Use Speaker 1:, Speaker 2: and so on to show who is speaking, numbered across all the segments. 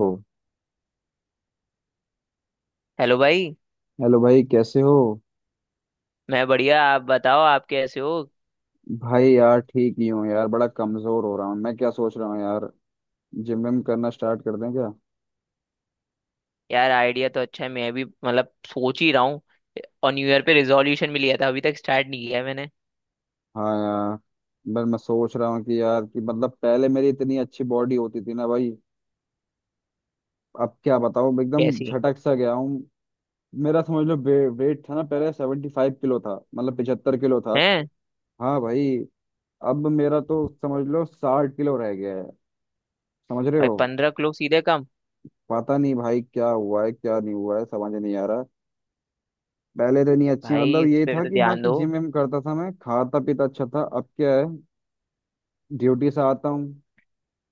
Speaker 1: ओ।
Speaker 2: Hello भाई।
Speaker 1: Hello भाई, कैसे हो?
Speaker 2: मैं बढ़िया, आप बताओ आप कैसे हो?
Speaker 1: भाई यार ठीक ही हूँ यार, बड़ा कमजोर हो रहा हूँ। मैं क्या सोच रहा हूँ यार, जिम विम करना स्टार्ट कर दें क्या?
Speaker 2: यार आइडिया तो अच्छा है, मैं भी मतलब सोच ही रहा हूँ। और न्यू ईयर पे रिजोल्यूशन भी लिया था, अभी तक स्टार्ट नहीं किया है मैंने।
Speaker 1: हाँ यार, बस मैं सोच रहा हूँ कि यार कि मतलब पहले मेरी इतनी अच्छी बॉडी होती थी ना भाई। अब क्या बताऊँ, एकदम
Speaker 2: कैसी
Speaker 1: झटक सा गया हूँ। मेरा समझ लो वेट था ना, पहले 75 किलो था, मतलब 75 किलो था।
Speaker 2: हैं?
Speaker 1: हाँ भाई। अब मेरा तो समझ लो 60 किलो रह गया है। समझ रहे
Speaker 2: भाई
Speaker 1: हो?
Speaker 2: 15 किलो सीधे कम।
Speaker 1: पता नहीं भाई क्या हुआ है क्या नहीं हुआ है, समझ नहीं आ रहा। पहले तो नहीं, अच्छी
Speaker 2: भाई
Speaker 1: मतलब
Speaker 2: इस
Speaker 1: ये
Speaker 2: पे
Speaker 1: था
Speaker 2: तो
Speaker 1: कि हाँ
Speaker 2: ध्यान
Speaker 1: कि
Speaker 2: दो।
Speaker 1: जिम विम करता था, मैं खाता पीता अच्छा था। अब क्या है? ड्यूटी से आता हूँ,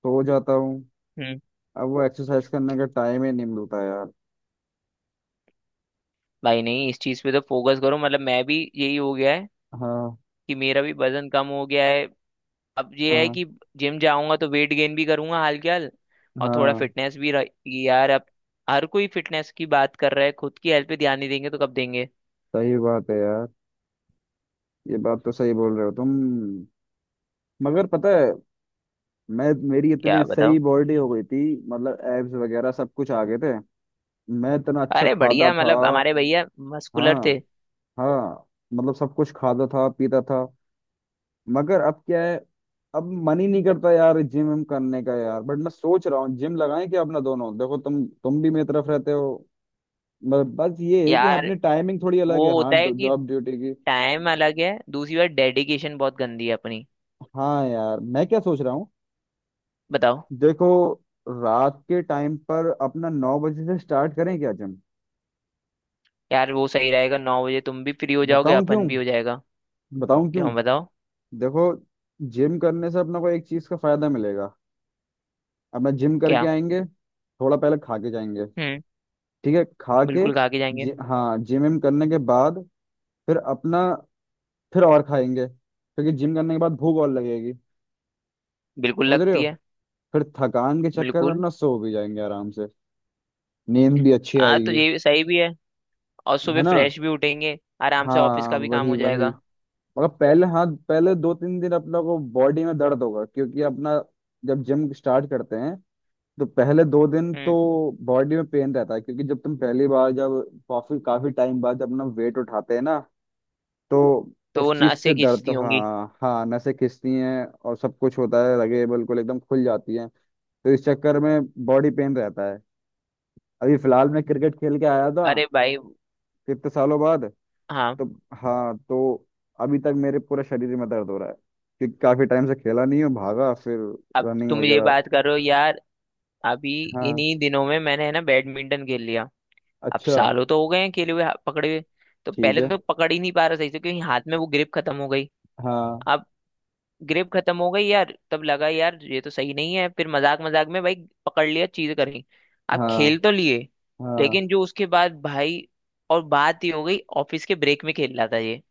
Speaker 1: सो जाता हूँ।
Speaker 2: हम्म।
Speaker 1: अब वो एक्सरसाइज करने का टाइम ही नहीं मिलता यार।
Speaker 2: भाई नहीं, इस चीज पे तो फोकस करो, मतलब मैं भी यही हो गया है
Speaker 1: हाँ,
Speaker 2: कि मेरा भी वजन कम हो गया है। अब ये है
Speaker 1: हाँ,
Speaker 2: कि जिम जाऊंगा तो वेट गेन भी करूंगा हाल के हाल, और थोड़ा
Speaker 1: हाँ।
Speaker 2: फिटनेस भी रहेगी यार। अब हर कोई फिटनेस की बात कर रहा है, खुद की हेल्थ पे ध्यान नहीं देंगे तो कब देंगे?
Speaker 1: सही बात है यार, ये बात तो सही बोल रहे हो तुम। मगर पता है, मैं मेरी
Speaker 2: क्या
Speaker 1: इतनी सही
Speaker 2: बताओ।
Speaker 1: बॉडी हो गई थी। मतलब एब्स वगैरह सब कुछ आ गए थे, मैं इतना अच्छा
Speaker 2: अरे
Speaker 1: खाता
Speaker 2: बढ़िया,
Speaker 1: था।
Speaker 2: मतलब हमारे भैया मस्कुलर
Speaker 1: हाँ,
Speaker 2: थे।
Speaker 1: हाँ। मतलब सब कुछ खाता था पीता था। मगर अब क्या है? अब मन ही नहीं करता यार जिम विम करने का यार, बट मैं सोच रहा हूँ जिम लगाएं क्या अपना दोनों? देखो, तुम भी मेरी तरफ रहते हो। बस ये है कि
Speaker 2: यार
Speaker 1: अपनी टाइमिंग थोड़ी अलग
Speaker 2: वो
Speaker 1: है, हाँ,
Speaker 2: होता है कि
Speaker 1: जॉब ड्यूटी की।
Speaker 2: टाइम अलग है, दूसरी बार डेडिकेशन बहुत गंदी है अपनी।
Speaker 1: हाँ यार, मैं क्या सोच रहा हूँ,
Speaker 2: बताओ।
Speaker 1: देखो। रात के टाइम पर अपना 9 बजे से स्टार्ट करें क्या जिम?
Speaker 2: यार वो सही रहेगा, 9 बजे तुम भी फ्री हो जाओगे,
Speaker 1: बताऊं क्यों?
Speaker 2: अपन भी हो जाएगा।
Speaker 1: बताऊं क्यों?
Speaker 2: क्यों बताओ?
Speaker 1: देखो, जिम करने से अपना को एक चीज का फायदा मिलेगा। अपना जिम करके
Speaker 2: क्या?
Speaker 1: आएंगे, थोड़ा पहले खा के जाएंगे।
Speaker 2: हम्म।
Speaker 1: ठीक है, खा के।
Speaker 2: बिल्कुल खा के जाएंगे।
Speaker 1: हाँ, जिम विम करने के बाद फिर अपना फिर और खाएंगे, क्योंकि जिम करने के बाद भूख और लगेगी।
Speaker 2: बिल्कुल
Speaker 1: समझ रहे
Speaker 2: लगती
Speaker 1: हो?
Speaker 2: है।
Speaker 1: फिर थकान के चक्कर में
Speaker 2: बिल्कुल।
Speaker 1: अपना सो भी जाएंगे आराम से, नींद भी अच्छी
Speaker 2: हाँ तो
Speaker 1: आएगी,
Speaker 2: ये सही भी है। और
Speaker 1: है
Speaker 2: सुबह
Speaker 1: ना?
Speaker 2: फ्रेश भी उठेंगे, आराम से ऑफिस
Speaker 1: हाँ,
Speaker 2: का भी काम
Speaker 1: वही
Speaker 2: हो
Speaker 1: वही।
Speaker 2: जाएगा।
Speaker 1: मगर पहले, हाँ, पहले 2 3 दिन अपना को बॉडी में दर्द होगा, क्योंकि अपना जब जिम स्टार्ट करते हैं, तो पहले 2 दिन तो
Speaker 2: हम्म।
Speaker 1: बॉडी में पेन रहता है। क्योंकि जब तुम पहली बार, जब काफी काफी टाइम बाद जब अपना वेट उठाते हैं ना, तो
Speaker 2: तो
Speaker 1: उस
Speaker 2: वो
Speaker 1: चीज से
Speaker 2: नसें
Speaker 1: दर्द
Speaker 2: खींचती
Speaker 1: तो,
Speaker 2: होंगी।
Speaker 1: हाँ हाँ, नसें खिंचती हैं और सब कुछ होता है लगे, बिल्कुल एकदम खुल जाती हैं। तो इस चक्कर में बॉडी पेन रहता है। अभी फिलहाल मैं क्रिकेट खेल के आया था,
Speaker 2: अरे भाई।
Speaker 1: कितने सालों बाद,
Speaker 2: हाँ।
Speaker 1: तो हाँ तो अभी तक मेरे पूरे शरीर में दर्द हो रहा है। क्योंकि काफी टाइम से खेला नहीं हूँ, भागा फिर
Speaker 2: अब
Speaker 1: रनिंग
Speaker 2: तुम ये
Speaker 1: वगैरह।
Speaker 2: बात करो यार। अभी
Speaker 1: हाँ।
Speaker 2: इन्हीं दिनों में मैंने है ना बैडमिंटन खेल लिया। अब
Speaker 1: अच्छा।
Speaker 2: सालों तो हो गए हैं खेले हुए पकड़े हुए। तो
Speaker 1: ठीक
Speaker 2: पहले
Speaker 1: है।
Speaker 2: तो पकड़ ही नहीं पा रहा सही से, क्योंकि हाथ में वो ग्रिप खत्म हो गई।
Speaker 1: हाँ,
Speaker 2: अब ग्रिप खत्म हो गई यार, तब लगा यार ये तो सही नहीं है, फिर मजाक मजाक में भाई पकड़ लिया, चीज करी, आप
Speaker 1: हाँ,
Speaker 2: खेल तो लिए।
Speaker 1: हाँ।
Speaker 2: लेकिन जो उसके बाद भाई, और बात ही हो गई। ऑफिस के ब्रेक में खेल रहा था ये,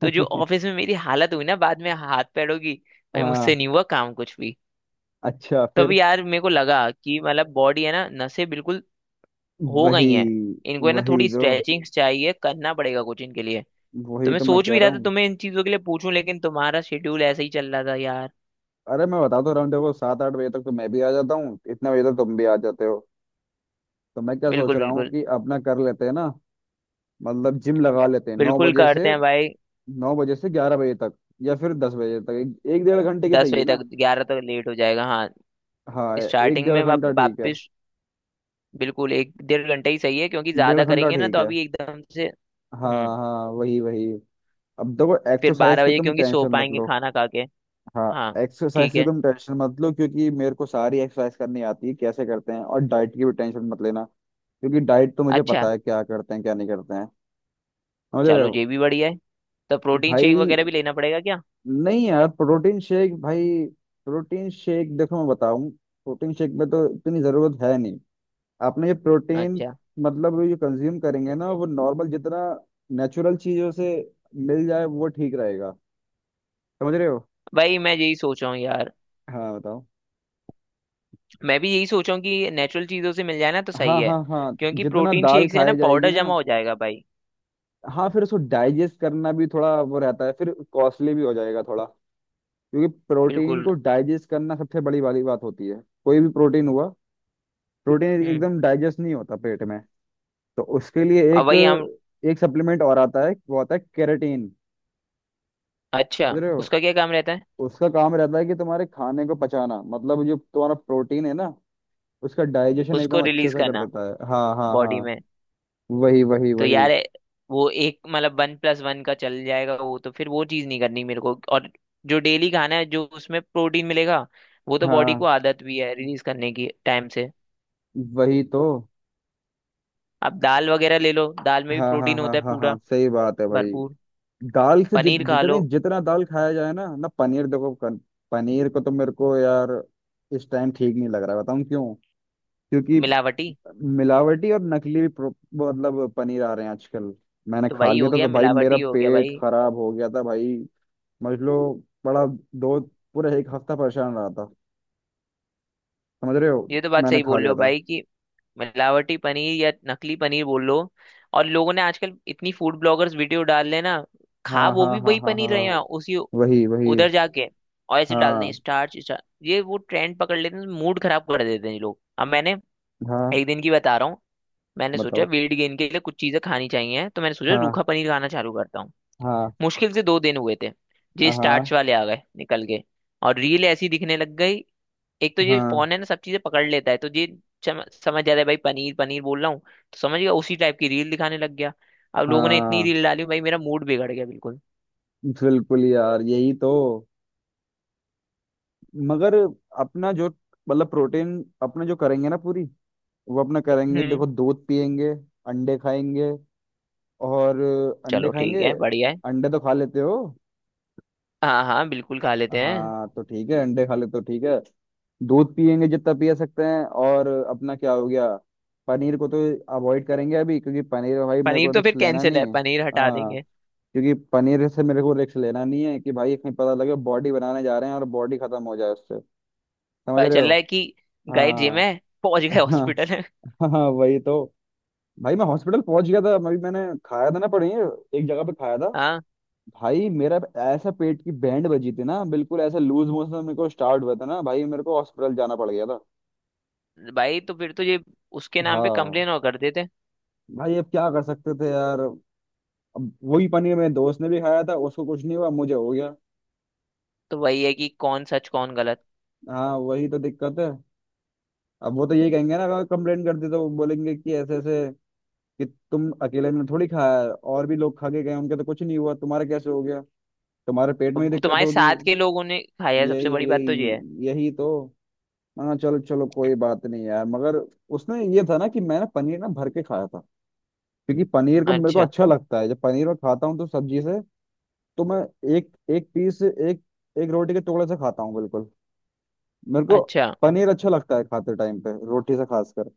Speaker 2: तो जो ऑफिस में मेरी हालत हुई ना बाद में हाथ पैरों की। भाई मुझसे
Speaker 1: हाँ।
Speaker 2: नहीं हुआ काम कुछ भी।
Speaker 1: अच्छा
Speaker 2: तब
Speaker 1: फिर।
Speaker 2: यार मेरे को लगा कि मतलब बॉडी है ना, नसें बिल्कुल हो
Speaker 1: वही
Speaker 2: गई हैं। इनको है ना
Speaker 1: वही
Speaker 2: थोड़ी
Speaker 1: तो,
Speaker 2: स्ट्रेचिंग चाहिए, करना पड़ेगा कुछ इनके लिए। तो
Speaker 1: वही
Speaker 2: मैं
Speaker 1: तो मैं
Speaker 2: सोच
Speaker 1: कह
Speaker 2: भी
Speaker 1: रहा
Speaker 2: रहा था
Speaker 1: हूँ।
Speaker 2: तुम्हें इन चीजों के लिए पूछूं, लेकिन तुम्हारा शेड्यूल ऐसे ही चल रहा था यार।
Speaker 1: अरे मैं बता तो रहा हूँ, देखो, 7 8 बजे तक तो मैं भी आ जाता हूँ, इतने बजे तक तुम भी आ जाते हो। तो मैं क्या सोच
Speaker 2: बिल्कुल,
Speaker 1: रहा हूँ
Speaker 2: बिल्कुल।
Speaker 1: कि अपना कर लेते हैं ना। मतलब जिम लगा लेते हैं नौ
Speaker 2: बिल्कुल
Speaker 1: बजे
Speaker 2: करते
Speaker 1: से।
Speaker 2: हैं भाई।
Speaker 1: 9 बजे से 11 बजे तक, या फिर 10 बजे तक, एक डेढ़ घंटे की
Speaker 2: दस
Speaker 1: सही है
Speaker 2: बजे
Speaker 1: ना?
Speaker 2: तक 11 तक लेट हो जाएगा, हाँ।
Speaker 1: हाँ, एक
Speaker 2: स्टार्टिंग
Speaker 1: डेढ़
Speaker 2: में
Speaker 1: घंटा ठीक है।
Speaker 2: वापस, बिल्कुल एक डेढ़ घंटे ही सही है, क्योंकि
Speaker 1: डेढ़
Speaker 2: ज्यादा
Speaker 1: घंटा
Speaker 2: करेंगे ना तो
Speaker 1: ठीक है।
Speaker 2: अभी एकदम से। हम्म।
Speaker 1: हाँ, हाँ, वही वही। अब देखो,
Speaker 2: फिर
Speaker 1: एक्सरसाइज
Speaker 2: बारह
Speaker 1: की
Speaker 2: बजे
Speaker 1: तुम
Speaker 2: क्योंकि सो
Speaker 1: टेंशन मत
Speaker 2: पाएंगे
Speaker 1: लो।
Speaker 2: खाना खा के।
Speaker 1: हाँ,
Speaker 2: हाँ।
Speaker 1: एक्सरसाइज
Speaker 2: ठीक
Speaker 1: की
Speaker 2: है।
Speaker 1: तुम टेंशन मत लो, क्योंकि मेरे को सारी एक्सरसाइज करनी आती है कैसे करते हैं, और डाइट की भी टेंशन मत लेना। क्योंकि डाइट तो मुझे
Speaker 2: अच्छा।
Speaker 1: पता है क्या करते हैं, क्या नहीं करते हैं। समझ रहे
Speaker 2: चलो
Speaker 1: हो?
Speaker 2: ये भी बढ़िया है। तो प्रोटीन शेक
Speaker 1: भाई
Speaker 2: वगैरह भी लेना पड़ेगा क्या?
Speaker 1: नहीं यार, प्रोटीन शेक भाई। प्रोटीन शेक देखो, मैं बताऊं, प्रोटीन शेक में तो इतनी जरूरत है नहीं। आपने ये प्रोटीन,
Speaker 2: अच्छा।
Speaker 1: मतलब ये कंज्यूम करेंगे ना, वो नॉर्मल जितना नेचुरल चीजों से मिल जाए वो ठीक रहेगा। समझ रहे हो?
Speaker 2: भाई मैं यही सोच रहा हूँ यार।
Speaker 1: हाँ, बताओ।
Speaker 2: मैं भी यही सोच रहा हूँ कि नेचुरल चीजों से मिल जाए ना तो सही
Speaker 1: हाँ,
Speaker 2: है,
Speaker 1: हाँ, हाँ।
Speaker 2: क्योंकि
Speaker 1: जितना
Speaker 2: प्रोटीन
Speaker 1: दाल
Speaker 2: शेक से है ना
Speaker 1: खाई जाएगी
Speaker 2: पाउडर
Speaker 1: ना।
Speaker 2: जमा हो जाएगा भाई।
Speaker 1: हाँ, फिर उसको डाइजेस्ट करना भी थोड़ा वो रहता है, फिर कॉस्टली भी हो जाएगा थोड़ा। क्योंकि प्रोटीन
Speaker 2: बिल्कुल।
Speaker 1: को डाइजेस्ट करना सबसे बड़ी वाली बात होती है, कोई भी प्रोटीन हुआ। प्रोटीन
Speaker 2: हम्म।
Speaker 1: एकदम डाइजेस्ट नहीं होता पेट में। तो उसके लिए
Speaker 2: अब
Speaker 1: एक,
Speaker 2: वही हम।
Speaker 1: एक सप्लीमेंट और आता है, वो आता है केराटिन।
Speaker 2: अच्छा।
Speaker 1: समझ रहे हो?
Speaker 2: उसका क्या काम रहता है?
Speaker 1: उसका काम रहता है कि तुम्हारे खाने को पचाना, मतलब जो तुम्हारा प्रोटीन है ना, उसका डाइजेशन
Speaker 2: उसको
Speaker 1: एकदम अच्छे
Speaker 2: रिलीज
Speaker 1: से कर
Speaker 2: करना
Speaker 1: देता है। हाँ, हाँ,
Speaker 2: बॉडी
Speaker 1: हाँ।
Speaker 2: में।
Speaker 1: वही वही
Speaker 2: तो
Speaker 1: वही।
Speaker 2: यार वो एक मतलब 1+1 का चल जाएगा, वो तो फिर वो चीज नहीं करनी मेरे को। और जो डेली खाना है, जो उसमें प्रोटीन मिलेगा, वो तो बॉडी को
Speaker 1: हाँ
Speaker 2: आदत भी है रिलीज करने की टाइम से।
Speaker 1: वही तो।
Speaker 2: अब दाल वगैरह ले लो, दाल में भी
Speaker 1: हाँ, हाँ,
Speaker 2: प्रोटीन
Speaker 1: हाँ,
Speaker 2: होता है
Speaker 1: हाँ, हाँ।
Speaker 2: पूरा,
Speaker 1: सही बात है भाई।
Speaker 2: भरपूर।
Speaker 1: दाल से
Speaker 2: पनीर खा लो।
Speaker 1: जितना दाल खाया जाए ना। ना पनीर, देखो, पनीर को तो मेरे को यार इस टाइम ठीक नहीं लग रहा है। बताऊँ क्यों? क्योंकि
Speaker 2: मिलावटी।
Speaker 1: मिलावटी और नकली भी मतलब पनीर आ रहे हैं आजकल। मैंने
Speaker 2: तो
Speaker 1: खा
Speaker 2: वही
Speaker 1: लिया
Speaker 2: हो
Speaker 1: था
Speaker 2: गया,
Speaker 1: तो भाई मेरा
Speaker 2: मिलावटी हो गया
Speaker 1: पेट
Speaker 2: भाई।
Speaker 1: खराब हो गया था भाई। समझ लो बड़ा, दो पूरा एक हफ्ता परेशान रहा था। समझ रहे हो?
Speaker 2: ये तो बात
Speaker 1: मैंने
Speaker 2: सही
Speaker 1: खा
Speaker 2: बोल रहे
Speaker 1: लिया
Speaker 2: हो
Speaker 1: था।
Speaker 2: भाई कि मिलावटी पनीर या नकली पनीर बोल लो। और लोगों ने आजकल इतनी फूड ब्लॉगर्स वीडियो डाल रहे हैं ना, खा
Speaker 1: हाँ,
Speaker 2: वो
Speaker 1: हाँ,
Speaker 2: भी
Speaker 1: हाँ,
Speaker 2: वही
Speaker 1: हाँ, हाँ,
Speaker 2: पनीर रहे हैं
Speaker 1: हाँ।
Speaker 2: उसी
Speaker 1: वही वही।
Speaker 2: उधर जाके। और ऐसे डाल दें
Speaker 1: हाँ,
Speaker 2: स्टार्च स्टार्च, ये वो ट्रेंड पकड़ लेते हैं, मूड खराब कर देते हैं ये लोग। अब मैंने
Speaker 1: हाँ,
Speaker 2: एक दिन की बता रहा हूँ, मैंने सोचा
Speaker 1: बताओ।
Speaker 2: वेट गेन के लिए कुछ चीजें खानी चाहिए, तो मैंने सोचा
Speaker 1: हाँ,
Speaker 2: रूखा पनीर खाना चालू करता हूँ।
Speaker 1: हाँ,
Speaker 2: मुश्किल से 2 दिन हुए थे, ये
Speaker 1: हाँ,
Speaker 2: स्टार्च वाले आ गए निकल के, और रील ऐसी दिखने लग गई। एक तो ये
Speaker 1: हाँ,
Speaker 2: फोन है ना सब चीजें पकड़ लेता है, तो ये समझ जा रहा है भाई, पनीर पनीर बोल रहा हूँ तो समझ गया, उसी टाइप की रील दिखाने लग गया। अब लोगों ने इतनी
Speaker 1: हाँ,
Speaker 2: रील डाली भाई मेरा मूड बिगड़ गया बिल्कुल।
Speaker 1: बिल्कुल यार, यही तो। मगर अपना जो मतलब प्रोटीन, अपने जो करेंगे ना पूरी, वो अपना करेंगे
Speaker 2: हम्म।
Speaker 1: देखो, दूध पियेंगे, अंडे खाएंगे, और अंडे
Speaker 2: चलो ठीक
Speaker 1: खाएंगे।
Speaker 2: है, बढ़िया है।
Speaker 1: अंडे तो खा लेते हो?
Speaker 2: हाँ हाँ, बिल्कुल खा लेते हैं।
Speaker 1: हाँ तो ठीक है, अंडे खा लेते हो, ठीक है। दूध पियेंगे जितना पिया सकते हैं, और अपना क्या हो गया, पनीर को तो अवॉइड करेंगे अभी, क्योंकि पनीर में भाई मेरे
Speaker 2: पनीर
Speaker 1: को
Speaker 2: तो फिर
Speaker 1: रिस्क लेना
Speaker 2: कैंसिल है,
Speaker 1: नहीं है।
Speaker 2: पनीर हटा
Speaker 1: हाँ।
Speaker 2: देंगे।
Speaker 1: क्योंकि पनीर से मेरे को रिस्क लेना नहीं है कि भाई कहीं पता लगे बॉडी बनाने जा रहे हैं और बॉडी खत्म हो जाए उससे। समझ
Speaker 2: पता
Speaker 1: रहे
Speaker 2: चल
Speaker 1: हो?
Speaker 2: रहा है कि गए जिम
Speaker 1: हाँ।
Speaker 2: है, पहुंच गए हॉस्पिटल
Speaker 1: हाँ,
Speaker 2: है।
Speaker 1: हाँ वही तो। भाई मैं हॉस्पिटल पहुंच गया था अभी, मैंने खाया था ना पनीर एक जगह पे खाया था।
Speaker 2: हाँ।
Speaker 1: भाई मेरा ऐसा पेट की बैंड बजी थी ना बिल्कुल, ऐसा लूज मोशन मेरे को स्टार्ट हुआ था ना भाई, मेरे को हॉस्पिटल जाना पड़ गया था।
Speaker 2: भाई तो फिर तो ये उसके नाम पे
Speaker 1: हाँ
Speaker 2: कंप्लेन और कर देते।
Speaker 1: भाई, अब क्या कर सकते थे यार। अब वही पनीर मेरे दोस्त ने भी खाया था, उसको कुछ नहीं हुआ, मुझे हो गया।
Speaker 2: तो वही है कि कौन सच कौन गलत।
Speaker 1: हाँ वही तो दिक्कत है। अब वो तो यही कहेंगे ना, अगर कंप्लेन करते तो वो बोलेंगे कि ऐसे ऐसे कि तुम अकेले ने थोड़ी खाया है, और भी लोग खा के गए, उनके तो कुछ नहीं हुआ, तुम्हारा कैसे हो गया? तुम्हारे पेट में ही
Speaker 2: अब
Speaker 1: दिक्कत
Speaker 2: तुम्हारे
Speaker 1: होगी।
Speaker 2: साथ के लोगों ने खाया है, सबसे
Speaker 1: यही
Speaker 2: बड़ी बात तो ये है।
Speaker 1: यही यही तो। हाँ, चलो चलो, कोई बात नहीं यार। मगर उसमें ये था ना कि मैं ना पनीर ना भर के खाया था। क्योंकि पनीर का मेरे को
Speaker 2: अच्छा।
Speaker 1: अच्छा लगता है। जब पनीर मैं खाता हूँ तो सब्जी से, तो मैं एक एक पीस, एक एक रोटी के टुकड़े से खाता हूँ बिल्कुल। मेरे को
Speaker 2: अच्छा।
Speaker 1: पनीर अच्छा लगता है खाते टाइम पे रोटी से, खासकर।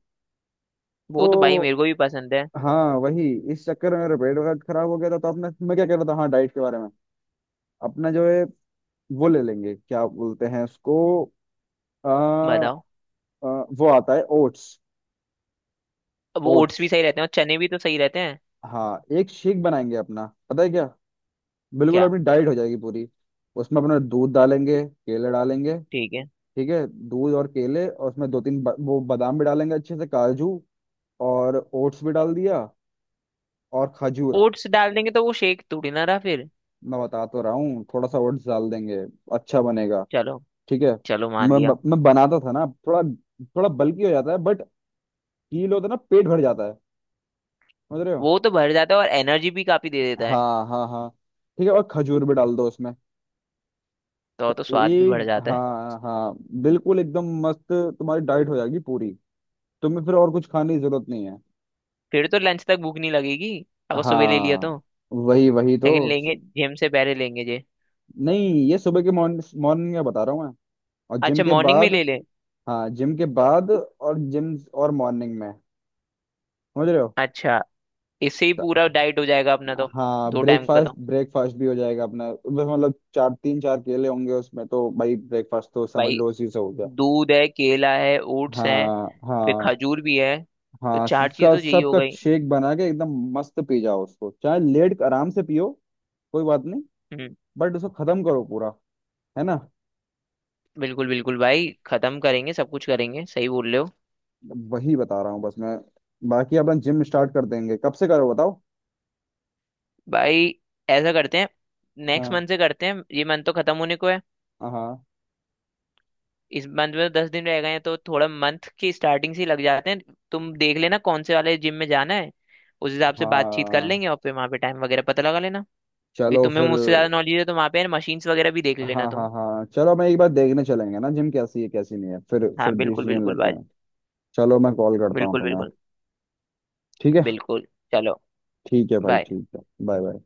Speaker 2: वो
Speaker 1: तो
Speaker 2: तो भाई मेरे को भी पसंद है।
Speaker 1: हाँ वही, इस चक्कर में मेरा पेट वगैरह खराब हो गया था। तो अपने, मैं क्या कह रहा था, हाँ, डाइट के बारे में। अपना जो है वो ले लेंगे, क्या बोलते हैं उसको, आ,
Speaker 2: बताओ।
Speaker 1: आ, वो आता है ओट्स।
Speaker 2: अब
Speaker 1: ओट्स,
Speaker 2: ओट्स भी सही रहते हैं और चने भी तो सही रहते हैं।
Speaker 1: हाँ, एक शेक बनाएंगे अपना, पता है क्या? बिल्कुल
Speaker 2: क्या?
Speaker 1: अपनी डाइट हो जाएगी पूरी। उसमें अपना दूध डालेंगे, केले डालेंगे।
Speaker 2: ठीक है।
Speaker 1: ठीक है, दूध और केले, और उसमें दो तीन वो बादाम भी डालेंगे अच्छे से, काजू और ओट्स भी डाल दिया, और खजूर।
Speaker 2: ओट्स डाल देंगे तो वो शेक थोड़ी ना रहा फिर।
Speaker 1: मैं बता तो रहा हूँ, थोड़ा सा ओट्स डाल देंगे, अच्छा बनेगा।
Speaker 2: चलो,
Speaker 1: ठीक है।
Speaker 2: चलो मान लिया।
Speaker 1: मैं बनाता था ना, थोड़ा थोड़ा बल्की हो जाता है, बट कील होता है ना, पेट भर जाता है। समझ रहे हो?
Speaker 2: वो तो भर जाता है, और एनर्जी भी काफी दे देता है।
Speaker 1: हाँ, हाँ, हाँ। ठीक है, और खजूर भी डाल दो उसमें
Speaker 2: तो
Speaker 1: तो
Speaker 2: तो स्वाद भी बढ़
Speaker 1: एक,
Speaker 2: जाता है।
Speaker 1: हाँ हाँ, बिल्कुल एकदम मस्त। तुम्हारी डाइट हो जाएगी पूरी, तुम्हें फिर और कुछ खाने की जरूरत नहीं है।
Speaker 2: फिर तो लंच तक भूख नहीं लगेगी अगर सुबह ले लिया
Speaker 1: हाँ,
Speaker 2: तो।
Speaker 1: वही वही
Speaker 2: लेकिन
Speaker 1: तो
Speaker 2: लेंगे जिम से पहले लेंगे जे?
Speaker 1: नहीं, ये सुबह के, मॉर्निंग मॉर्निंग में बता रहा हूँ मैं, और जिम
Speaker 2: अच्छा
Speaker 1: के
Speaker 2: मॉर्निंग में
Speaker 1: बाद।
Speaker 2: ले ले।
Speaker 1: हाँ, जिम के बाद, और जिम और मॉर्निंग में। समझ रहे हो?
Speaker 2: अच्छा। इससे ही
Speaker 1: त-
Speaker 2: पूरा डाइट हो जाएगा अपना तो।
Speaker 1: हाँ,
Speaker 2: दो टाइम का
Speaker 1: ब्रेकफास्ट
Speaker 2: तो
Speaker 1: ब्रेकफास्ट भी हो जाएगा अपना बस। मतलब चार, 3 4 केले होंगे उसमें, तो भाई ब्रेकफास्ट तो समझ
Speaker 2: भाई,
Speaker 1: लो उसी से हो गया।
Speaker 2: दूध है, केला है, ओट्स हैं,
Speaker 1: हाँ,
Speaker 2: फिर
Speaker 1: हाँ,
Speaker 2: खजूर भी है। तो
Speaker 1: हाँ।
Speaker 2: चार चीज
Speaker 1: इसका
Speaker 2: तो यही हो
Speaker 1: सबका
Speaker 2: गई।
Speaker 1: शेक बना के एकदम मस्त पी जाओ उसको, चाहे लेट के आराम से पियो, कोई बात नहीं।
Speaker 2: हम्म।
Speaker 1: बट उसको खत्म करो पूरा, है ना?
Speaker 2: बिल्कुल बिल्कुल भाई, खत्म करेंगे, सब कुछ करेंगे, सही बोल रहे हो।
Speaker 1: वही बता रहा हूँ बस मैं। बाकी अपन जिम स्टार्ट कर देंगे, कब से करो बताओ।
Speaker 2: भाई ऐसा करते हैं, नेक्स्ट
Speaker 1: हाँ,
Speaker 2: मंथ से करते हैं, ये मंथ तो खत्म होने को है।
Speaker 1: हाँ,
Speaker 2: इस मंथ में तो 10 दिन रह गए हैं, तो थोड़ा मंथ की स्टार्टिंग से ही लग जाते हैं। तुम देख लेना कौन से वाले जिम में जाना है, उस हिसाब से बातचीत कर
Speaker 1: हाँ।
Speaker 2: लेंगे, और फिर वहां पे टाइम वगैरह पता लगा लेना। कि
Speaker 1: चलो
Speaker 2: तुम्हें
Speaker 1: फिर।
Speaker 2: मुझसे ज्यादा नॉलेज है तो वहां पे मशीन्स वगैरह भी देख लेना
Speaker 1: हाँ, हाँ,
Speaker 2: तुम।
Speaker 1: हाँ, चलो मैं एक बार देखने चलेंगे ना जिम कैसी है कैसी नहीं है, फिर
Speaker 2: हाँ बिल्कुल
Speaker 1: डिसीजन
Speaker 2: बिल्कुल
Speaker 1: लेते
Speaker 2: भाई।
Speaker 1: हैं। चलो, मैं कॉल करता हूँ
Speaker 2: बिल्कुल,
Speaker 1: तुम्हें।
Speaker 2: बिल्कुल।
Speaker 1: ठीक है।
Speaker 2: बिल्कुल। चलो।
Speaker 1: ठीक है भाई,
Speaker 2: बाय।
Speaker 1: ठीक है। Bye, bye.